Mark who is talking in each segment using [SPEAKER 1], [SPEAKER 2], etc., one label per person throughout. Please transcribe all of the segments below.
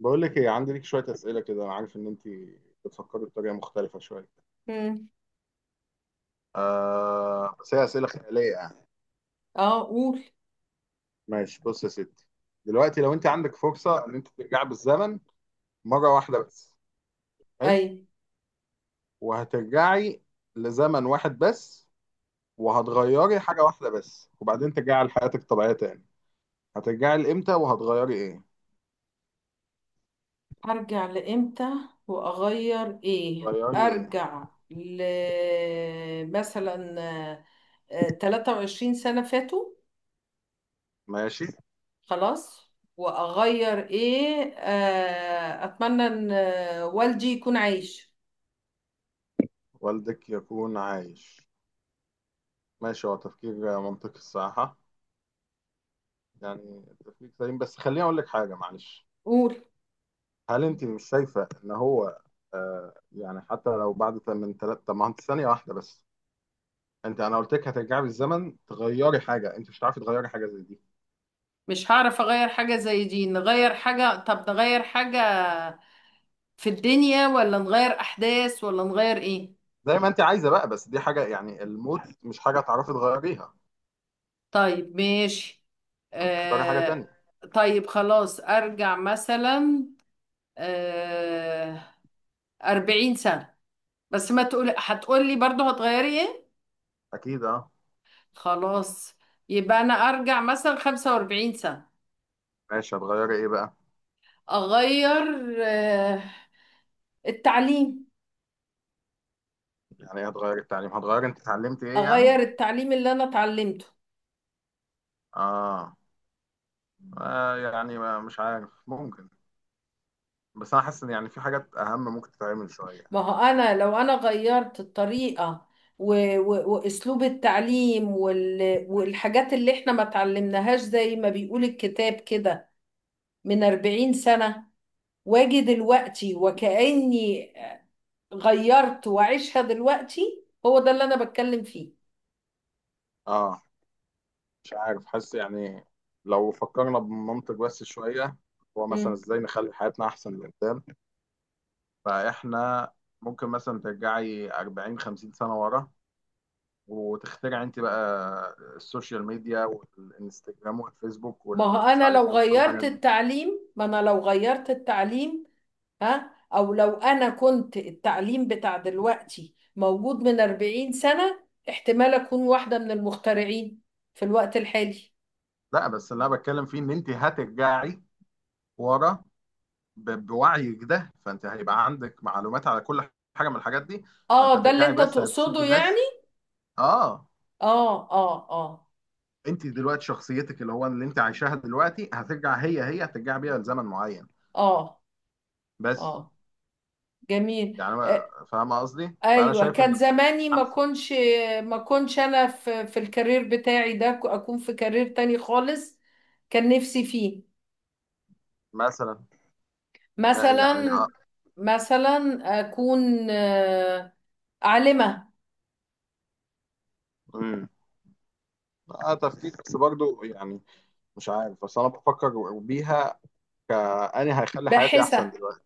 [SPEAKER 1] بقول لك ايه، عندي ليك شويه اسئله كده. انا عارف ان انت بتفكري بطريقه مختلفه شويه.
[SPEAKER 2] مم.
[SPEAKER 1] آه بس هي اسئله خياليه يعني.
[SPEAKER 2] اه، قول.
[SPEAKER 1] ماشي، بص يا ستي، دلوقتي لو انت عندك فرصه ان انت ترجعي بالزمن مره واحده بس.
[SPEAKER 2] اي.
[SPEAKER 1] حلو، وهترجعي لزمن واحد بس، وهتغيري حاجه واحده بس وبعدين ترجعي لحياتك الطبيعيه تاني. هترجعي لامتى وهتغيري ايه؟
[SPEAKER 2] ارجع لامتى واغير ايه؟
[SPEAKER 1] غيري ايه؟
[SPEAKER 2] ارجع ل، مثلا، 23 سنة فاتوا.
[SPEAKER 1] ماشي.
[SPEAKER 2] خلاص. واغير ايه؟ اتمنى ان والدي يكون عايش.
[SPEAKER 1] والدك يكون عايش؟ ماشي، هو تفكير منطقي الصراحه. يعني التفكير سليم بس خليني اقول لك حاجه، معلش.
[SPEAKER 2] قول.
[SPEAKER 1] هل انت مش شايفه ان هو آه يعني حتى لو بعد من ثلاث، طب ما انت ثانيه واحده بس. انت، انا قلت لك هترجعي بالزمن تغيري حاجه، انت مش هتعرفي تغيري حاجه زي دي.
[SPEAKER 2] مش هعرف اغير حاجة زي دي. نغير حاجة؟ طب نغير حاجة في الدنيا، ولا نغير احداث، ولا نغير ايه؟
[SPEAKER 1] زي ما انت عايزه بقى، بس دي حاجه يعني الموت مش حاجه تعرفي تغيريها.
[SPEAKER 2] طيب، ماشي.
[SPEAKER 1] انت اختاري حاجه
[SPEAKER 2] آه.
[SPEAKER 1] تانية.
[SPEAKER 2] طيب، خلاص، ارجع مثلا آه أربعين سنة. بس ما تقول، هتقول لي برضو هتغيري ايه.
[SPEAKER 1] اكيد اه.
[SPEAKER 2] خلاص، يبقى انا ارجع مثلا خمسة واربعين سنة.
[SPEAKER 1] ماشي، هتغيري ايه بقى؟
[SPEAKER 2] اغير التعليم.
[SPEAKER 1] يعني ايه هتغيري التعليم؟ هتغيري انت اتعلمتي ايه يعني؟
[SPEAKER 2] اغير التعليم اللي انا اتعلمته.
[SPEAKER 1] اه، آه يعني ما مش عارف، ممكن. بس انا حاسس ان يعني في حاجات اهم ممكن تتعمل شويه.
[SPEAKER 2] ما هو انا لو انا غيرت الطريقة و... واسلوب التعليم والحاجات اللي احنا ما اتعلمناهاش، زي ما بيقول الكتاب كده، من 40 سنة، واجي دلوقتي وكأني غيرت وعيشها دلوقتي. هو ده اللي أنا بتكلم فيه.
[SPEAKER 1] اه مش عارف، حاسس يعني لو فكرنا بمنطق بس شوية، هو مثلا
[SPEAKER 2] مم.
[SPEAKER 1] ازاي نخلي حياتنا أحسن لقدام. فإحنا ممكن مثلا ترجعي 40 50 سنة ورا وتخترعي أنت بقى السوشيال ميديا والإنستجرام والفيسبوك
[SPEAKER 2] ما هو
[SPEAKER 1] والمش
[SPEAKER 2] أنا
[SPEAKER 1] عارف إيه
[SPEAKER 2] لو
[SPEAKER 1] وكل
[SPEAKER 2] غيرت
[SPEAKER 1] الحاجات دي.
[SPEAKER 2] التعليم ما أنا لو غيرت التعليم، ها، أو لو أنا كنت التعليم بتاع دلوقتي موجود من 40 سنة، احتمال أكون واحدة من المخترعين في الوقت الحالي.
[SPEAKER 1] لا، بس اللي أنا بتكلم فيه إن أنت هترجعي ورا بوعيك ده، فأنت هيبقى عندك معلومات على كل حاجة من الحاجات دي. فأنت
[SPEAKER 2] اه، ده اللي
[SPEAKER 1] هترجعي
[SPEAKER 2] انت
[SPEAKER 1] بس هتشوفي
[SPEAKER 2] تقصده
[SPEAKER 1] ناس.
[SPEAKER 2] يعني.
[SPEAKER 1] آه.
[SPEAKER 2] اه، اه، اه،
[SPEAKER 1] انت دلوقتي شخصيتك اللي هو اللي انت عايشاها دلوقتي هترجع هي هي، هترجع بيها لزمن معين
[SPEAKER 2] اه،
[SPEAKER 1] بس.
[SPEAKER 2] اه. جميل.
[SPEAKER 1] يعني فاهمه قصدي؟ فانا
[SPEAKER 2] ايوه،
[SPEAKER 1] شايف ان
[SPEAKER 2] كان زماني
[SPEAKER 1] احسن.
[SPEAKER 2] ما كنتش انا في الكارير بتاعي ده، اكون في كارير تاني خالص. كان نفسي فيه.
[SPEAKER 1] مثلا يعني
[SPEAKER 2] مثلا.
[SPEAKER 1] اه.
[SPEAKER 2] مثلا اكون عالمة
[SPEAKER 1] امم. اه تفكير بس برضو يعني، مش عارف، بس انا بفكر بيها كأني هيخلي حياتي احسن
[SPEAKER 2] باحثة.
[SPEAKER 1] دلوقتي.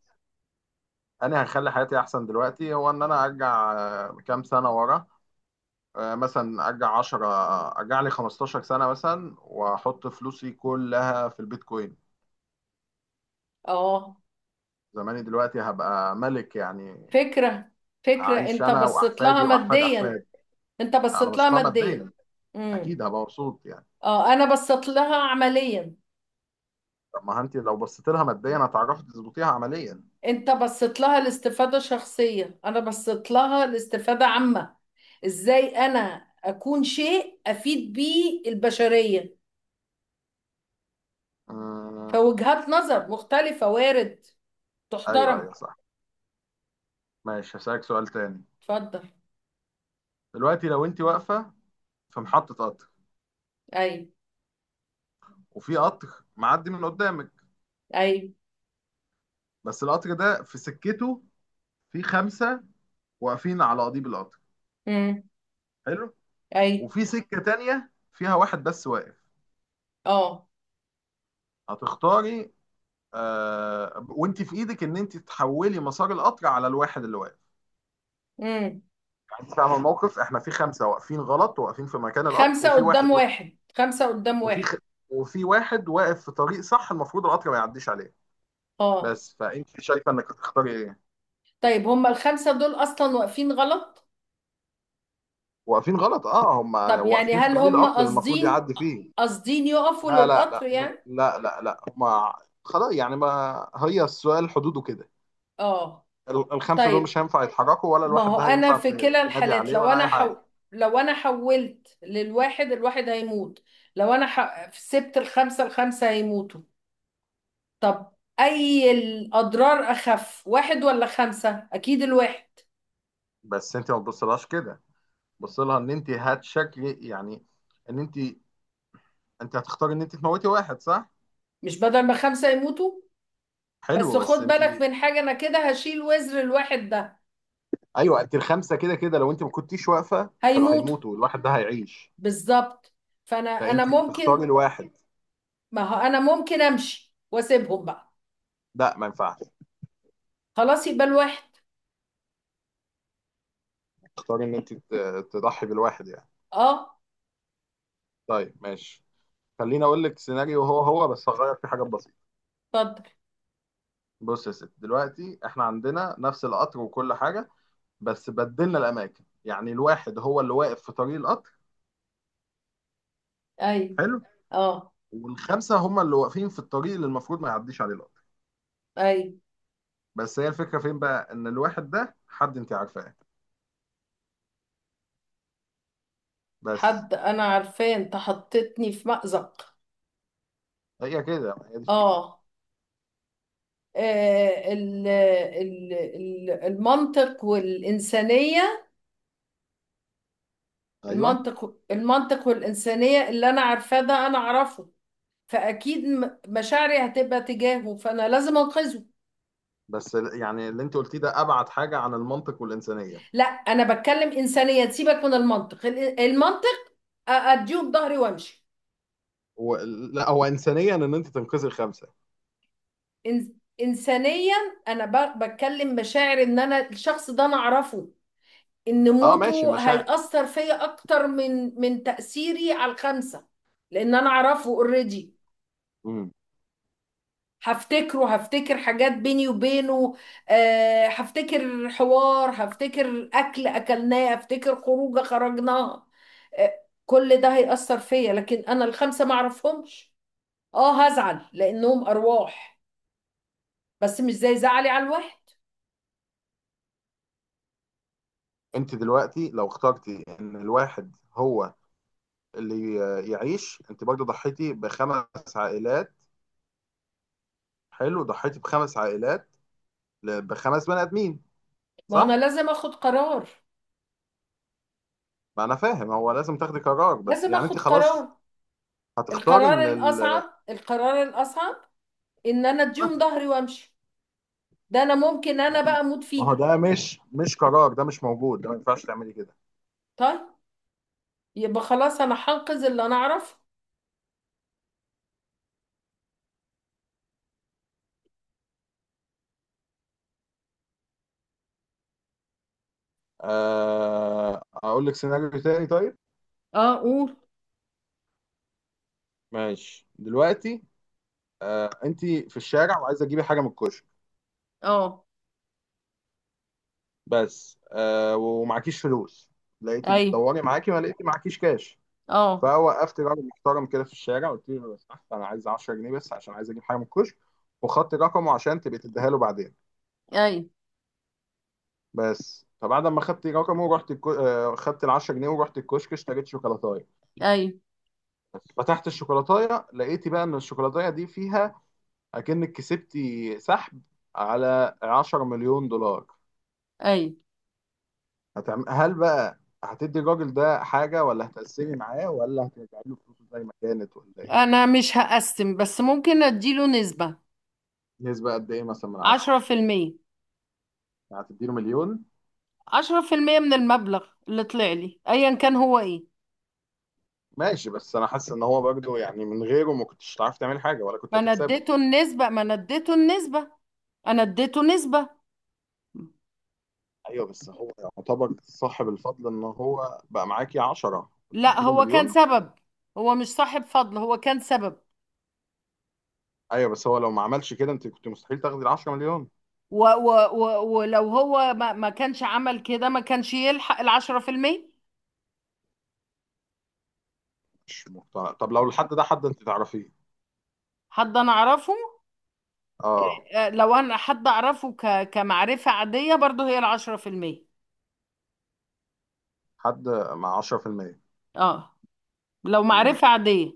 [SPEAKER 1] انا هيخلي حياتي احسن دلوقتي هو ان انا ارجع كام سنه ورا. مثلا ارجع 10، ارجع لي 15 سنه مثلا، واحط فلوسي كلها في البيتكوين.
[SPEAKER 2] اه،
[SPEAKER 1] زماني دلوقتي هبقى ملك يعني.
[SPEAKER 2] فكرة، فكرة.
[SPEAKER 1] هعيش
[SPEAKER 2] انت
[SPEAKER 1] انا
[SPEAKER 2] بصيت لها
[SPEAKER 1] واحفادي واحفاد
[SPEAKER 2] ماديا.
[SPEAKER 1] احفادي.
[SPEAKER 2] انت
[SPEAKER 1] انا
[SPEAKER 2] بصيت لها
[SPEAKER 1] بصيت لها
[SPEAKER 2] ماديا.
[SPEAKER 1] ماديا.
[SPEAKER 2] امم.
[SPEAKER 1] اكيد هبقى مبسوط يعني.
[SPEAKER 2] اه، انا بصيت لها عمليا.
[SPEAKER 1] طب ما انت لو بصيت لها ماديا هتعرفي تظبطيها عمليا.
[SPEAKER 2] انت بصيت لها لاستفادة شخصية، انا بصيت لها لاستفادة عامة. ازاي انا اكون شيء افيد بيه البشرية؟
[SPEAKER 1] أمم،
[SPEAKER 2] فوجهات نظر مختلفة، وارد،
[SPEAKER 1] ايوه ايوه
[SPEAKER 2] تحترم.
[SPEAKER 1] صح. ماشي، هسألك سؤال تاني.
[SPEAKER 2] اتفضل.
[SPEAKER 1] دلوقتي لو انت واقفه في محطه قطر،
[SPEAKER 2] اي.
[SPEAKER 1] وفي قطر معدي من قدامك،
[SPEAKER 2] اي.
[SPEAKER 1] بس القطر ده في سكته، في خمسه واقفين على قضيب القطر.
[SPEAKER 2] امم.
[SPEAKER 1] حلو.
[SPEAKER 2] اي.
[SPEAKER 1] وفي سكه تانيه فيها واحد بس واقف.
[SPEAKER 2] اه.
[SPEAKER 1] هتختاري وانت في ايدك ان انت تحولي مسار القطر على الواحد اللي واقف.
[SPEAKER 2] امم.
[SPEAKER 1] انت فاهمه الموقف؟ احنا في خمسه واقفين غلط، واقفين في مكان القطر،
[SPEAKER 2] خمسة
[SPEAKER 1] وفي
[SPEAKER 2] قدام
[SPEAKER 1] واحد واقف.
[SPEAKER 2] واحد، خمسة قدام
[SPEAKER 1] وفي
[SPEAKER 2] واحد.
[SPEAKER 1] خ... وفي واحد واقف في طريق صح المفروض القطر ما يعديش عليه.
[SPEAKER 2] اه.
[SPEAKER 1] بس فانت شايفه انك هتختاري ايه؟
[SPEAKER 2] طيب، هما الخمسة دول اصلا واقفين غلط.
[SPEAKER 1] واقفين غلط، اه، هم
[SPEAKER 2] طب يعني،
[SPEAKER 1] واقفين في
[SPEAKER 2] هل
[SPEAKER 1] طريق
[SPEAKER 2] هما
[SPEAKER 1] القطر اللي المفروض
[SPEAKER 2] قاصدين،
[SPEAKER 1] يعدي فيه.
[SPEAKER 2] يقفوا
[SPEAKER 1] لا لا
[SPEAKER 2] للقطر
[SPEAKER 1] لا
[SPEAKER 2] يعني.
[SPEAKER 1] لا لا لا، هم خلاص يعني ما، هي السؤال حدوده كده.
[SPEAKER 2] اه.
[SPEAKER 1] الخمسه دول
[SPEAKER 2] طيب،
[SPEAKER 1] مش هينفع يتحركوا، ولا
[SPEAKER 2] ما
[SPEAKER 1] الواحد
[SPEAKER 2] هو
[SPEAKER 1] ده
[SPEAKER 2] انا
[SPEAKER 1] هينفع
[SPEAKER 2] في كلا
[SPEAKER 1] تنادي
[SPEAKER 2] الحالات،
[SPEAKER 1] عليه، ولا اي حاجه.
[SPEAKER 2] لو انا حولت للواحد، الواحد هيموت. لو انا سبت الخمسة، الخمسة هيموتوا. طب، اي الاضرار اخف؟ واحد ولا خمسة؟ اكيد الواحد.
[SPEAKER 1] بس انت ما تبصلهاش كده. بص لها ان انت هتشكلي يعني، ان انت، انت هتختاري ان انت تموتي واحد، صح؟
[SPEAKER 2] مش بدل ما خمسة يموتوا. بس
[SPEAKER 1] حلو،
[SPEAKER 2] خد
[SPEAKER 1] بس انت.
[SPEAKER 2] بالك من حاجة، انا كده هشيل وزر الواحد ده.
[SPEAKER 1] ايوه، انت الخمسه كده كده لو انت ما كنتيش واقفه كانوا
[SPEAKER 2] هيموتوا.
[SPEAKER 1] هيموتوا، الواحد ده هيعيش.
[SPEAKER 2] بالظبط. فانا
[SPEAKER 1] فانت هتختاري
[SPEAKER 2] ممكن.
[SPEAKER 1] الواحد.
[SPEAKER 2] ما هو انا ممكن امشي واسيبهم بقى.
[SPEAKER 1] لا ما ينفعش
[SPEAKER 2] خلاص، يبقى الواحد.
[SPEAKER 1] تختاري ان انت تضحي بالواحد يعني.
[SPEAKER 2] اه.
[SPEAKER 1] طيب ماشي، خليني اقول لك سيناريو هو هو بس هغير فيه حاجات بسيطه.
[SPEAKER 2] اتفضل.
[SPEAKER 1] بص يا ست، دلوقتي احنا عندنا نفس القطر وكل حاجه، بس بدلنا الاماكن. يعني الواحد هو اللي واقف في طريق القطر.
[SPEAKER 2] اي.
[SPEAKER 1] حلو.
[SPEAKER 2] اه.
[SPEAKER 1] والخمسه هم اللي واقفين في الطريق اللي المفروض ما يعديش عليه القطر.
[SPEAKER 2] اي.
[SPEAKER 1] بس هي الفكره فين بقى؟ ان الواحد ده حد انت عارفاه بس.
[SPEAKER 2] حد انا عارفاه، انت حطيتني في مأزق.
[SPEAKER 1] هي كده، هي دي الفكرة.
[SPEAKER 2] اه. المنطق والإنسانية.
[SPEAKER 1] ايوه.
[SPEAKER 2] المنطق والإنسانية، اللي أنا عارفاه ده أنا أعرفه، فأكيد مشاعري هتبقى تجاهه، فأنا لازم أنقذه.
[SPEAKER 1] بس يعني اللي انت قلتيه ده ابعد حاجه عن المنطق والانسانيه.
[SPEAKER 2] لا، أنا بتكلم إنسانية، سيبك من المنطق. المنطق، أديه بظهري وأمشي.
[SPEAKER 1] و... لا، هو انسانيا ان انت تنقذي الخمسه.
[SPEAKER 2] إن- إنسانيا، أنا بتكلم مشاعر، إن أنا الشخص ده أنا أعرفه. ان
[SPEAKER 1] اه ماشي،
[SPEAKER 2] موته
[SPEAKER 1] مشاعر.
[SPEAKER 2] هيأثر فيا اكتر من تأثيري على الخمسة. لان انا اعرفه اوريدي.
[SPEAKER 1] امم.
[SPEAKER 2] هفتكر حاجات بيني وبينه. هفتكر حوار، هفتكر اكل اكلناه، هفتكر خروجه خرجناها. آه، كل ده هيأثر فيا، لكن انا الخمسة ما اعرفهمش. اه، هزعل لانهم ارواح، بس مش زي زعلي على الواحد.
[SPEAKER 1] انت دلوقتي لو اخترتي ان الواحد هو اللي يعيش، انت برضه ضحيتي بخمس عائلات. حلو، ضحيتي بخمس عائلات، بخمس بني ادمين،
[SPEAKER 2] ما هو انا
[SPEAKER 1] صح؟
[SPEAKER 2] لازم اخد قرار.
[SPEAKER 1] ما انا فاهم هو لازم تاخدي قرار، بس
[SPEAKER 2] لازم
[SPEAKER 1] يعني انت
[SPEAKER 2] اخد
[SPEAKER 1] خلاص
[SPEAKER 2] قرار.
[SPEAKER 1] هتختاري
[SPEAKER 2] القرار
[SPEAKER 1] ان
[SPEAKER 2] الاصعب. القرار الاصعب ان انا اديهم ظهري وامشي، ده انا ممكن انا بقى اموت
[SPEAKER 1] ما هو
[SPEAKER 2] فيها.
[SPEAKER 1] ده مش مش قرار، ده مش موجود، ده ما ينفعش تعملي كده.
[SPEAKER 2] طيب، يبقى خلاص، انا هنقذ اللي انا اعرفه.
[SPEAKER 1] اقول لك سيناريو تاني طيب.
[SPEAKER 2] اه، قول.
[SPEAKER 1] ماشي دلوقتي، انت في الشارع وعايزه تجيبي حاجه من الكشك،
[SPEAKER 2] اه.
[SPEAKER 1] بس ومعكيش فلوس. لقيتي
[SPEAKER 2] اي.
[SPEAKER 1] بتدوري معاكي، ما لقيتي معكيش كاش.
[SPEAKER 2] اه.
[SPEAKER 1] فوقفت راجل محترم كده في الشارع، قلت له لو سمحت انا عايز 10 جنيه بس عشان عايز اجيب حاجه من الكشك، وخدت رقمه عشان تبقي تديها له بعدين.
[SPEAKER 2] اي.
[SPEAKER 1] بس فبعد ما خدت رقمه ورحت آه، خدت ال 10 جنيه ورحت الكشك، اشتريت شوكولاتايه.
[SPEAKER 2] اي.
[SPEAKER 1] فتحت الشوكولاتايه لقيتي بقى ان الشوكولاتايه دي فيها، اكنك كسبتي سحب على 10 مليون دولار.
[SPEAKER 2] اي.
[SPEAKER 1] هل بقى هتدي الراجل ده حاجه، ولا هتقسمي معاه، ولا هترجعي له فلوسه زي ما كانت، ولا ايه؟
[SPEAKER 2] انا مش هقسم، بس ممكن اديله نسبة.
[SPEAKER 1] نسبه قد ايه مثلا من 10؟
[SPEAKER 2] عشرة في المية.
[SPEAKER 1] يعني هتدي له مليون.
[SPEAKER 2] عشرة في المية من المبلغ اللي طلع لي، ايا كان هو ايه.
[SPEAKER 1] ماشي، بس انا حاسس ان هو برضه يعني من غيره ما كنتش هتعرفي تعملي حاجه ولا كنت
[SPEAKER 2] ما انا
[SPEAKER 1] هتكسبي.
[SPEAKER 2] اديته النسبة. ما انا اديته النسبة. انا اديته نسبة.
[SPEAKER 1] ايوه بس هو يعتبر صاحب الفضل ان هو بقى معاكي 10.
[SPEAKER 2] لا،
[SPEAKER 1] اديله
[SPEAKER 2] هو كان
[SPEAKER 1] مليون.
[SPEAKER 2] سبب. هو مش صاحب فضل، هو كان سبب.
[SPEAKER 1] ايوه بس هو لو ما عملش كده انت كنت مستحيل تاخدي ال 10 مليون.
[SPEAKER 2] و و و ولو هو ما كانش عمل كده، ما كانش يلحق العشرة في المية.
[SPEAKER 1] مش مقتنع. طب لو الحد ده حد انت تعرفيه؟
[SPEAKER 2] حد أنا أعرفه.
[SPEAKER 1] اه.
[SPEAKER 2] لو أنا حد أعرفه كمعرفة عادية، برضه هي العشرة في المية.
[SPEAKER 1] حد مع 10%؟
[SPEAKER 2] اه. لو
[SPEAKER 1] امم.
[SPEAKER 2] معرفة عادية.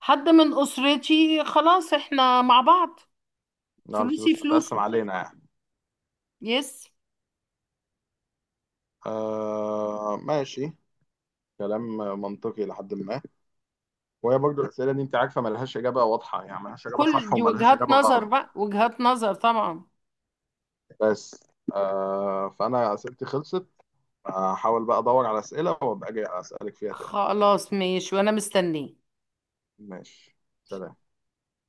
[SPEAKER 2] حد من أسرتي، خلاص، احنا مع بعض.
[SPEAKER 1] لا الفلوس
[SPEAKER 2] فلوسي
[SPEAKER 1] تتقسم
[SPEAKER 2] فلوسه.
[SPEAKER 1] علينا يعني.
[SPEAKER 2] يس.
[SPEAKER 1] آه ماشي، كلام منطقي لحد ما. وهي برضه الاسئله دي انت عارفه ملهاش اجابه واضحه، يعني ملهاش اجابه
[SPEAKER 2] كل
[SPEAKER 1] صح
[SPEAKER 2] دي
[SPEAKER 1] وملهاش
[SPEAKER 2] وجهات
[SPEAKER 1] اجابه غلط.
[SPEAKER 2] نظر بقى، وجهات نظر طبعا.
[SPEAKER 1] بس آه، فانا اسئلتي خلصت. هحاول بقى ادور على اسئله وابقى اجي اسالك فيها تاني.
[SPEAKER 2] خلاص، ماشي، وأنا مستنيه.
[SPEAKER 1] ماشي، سلام.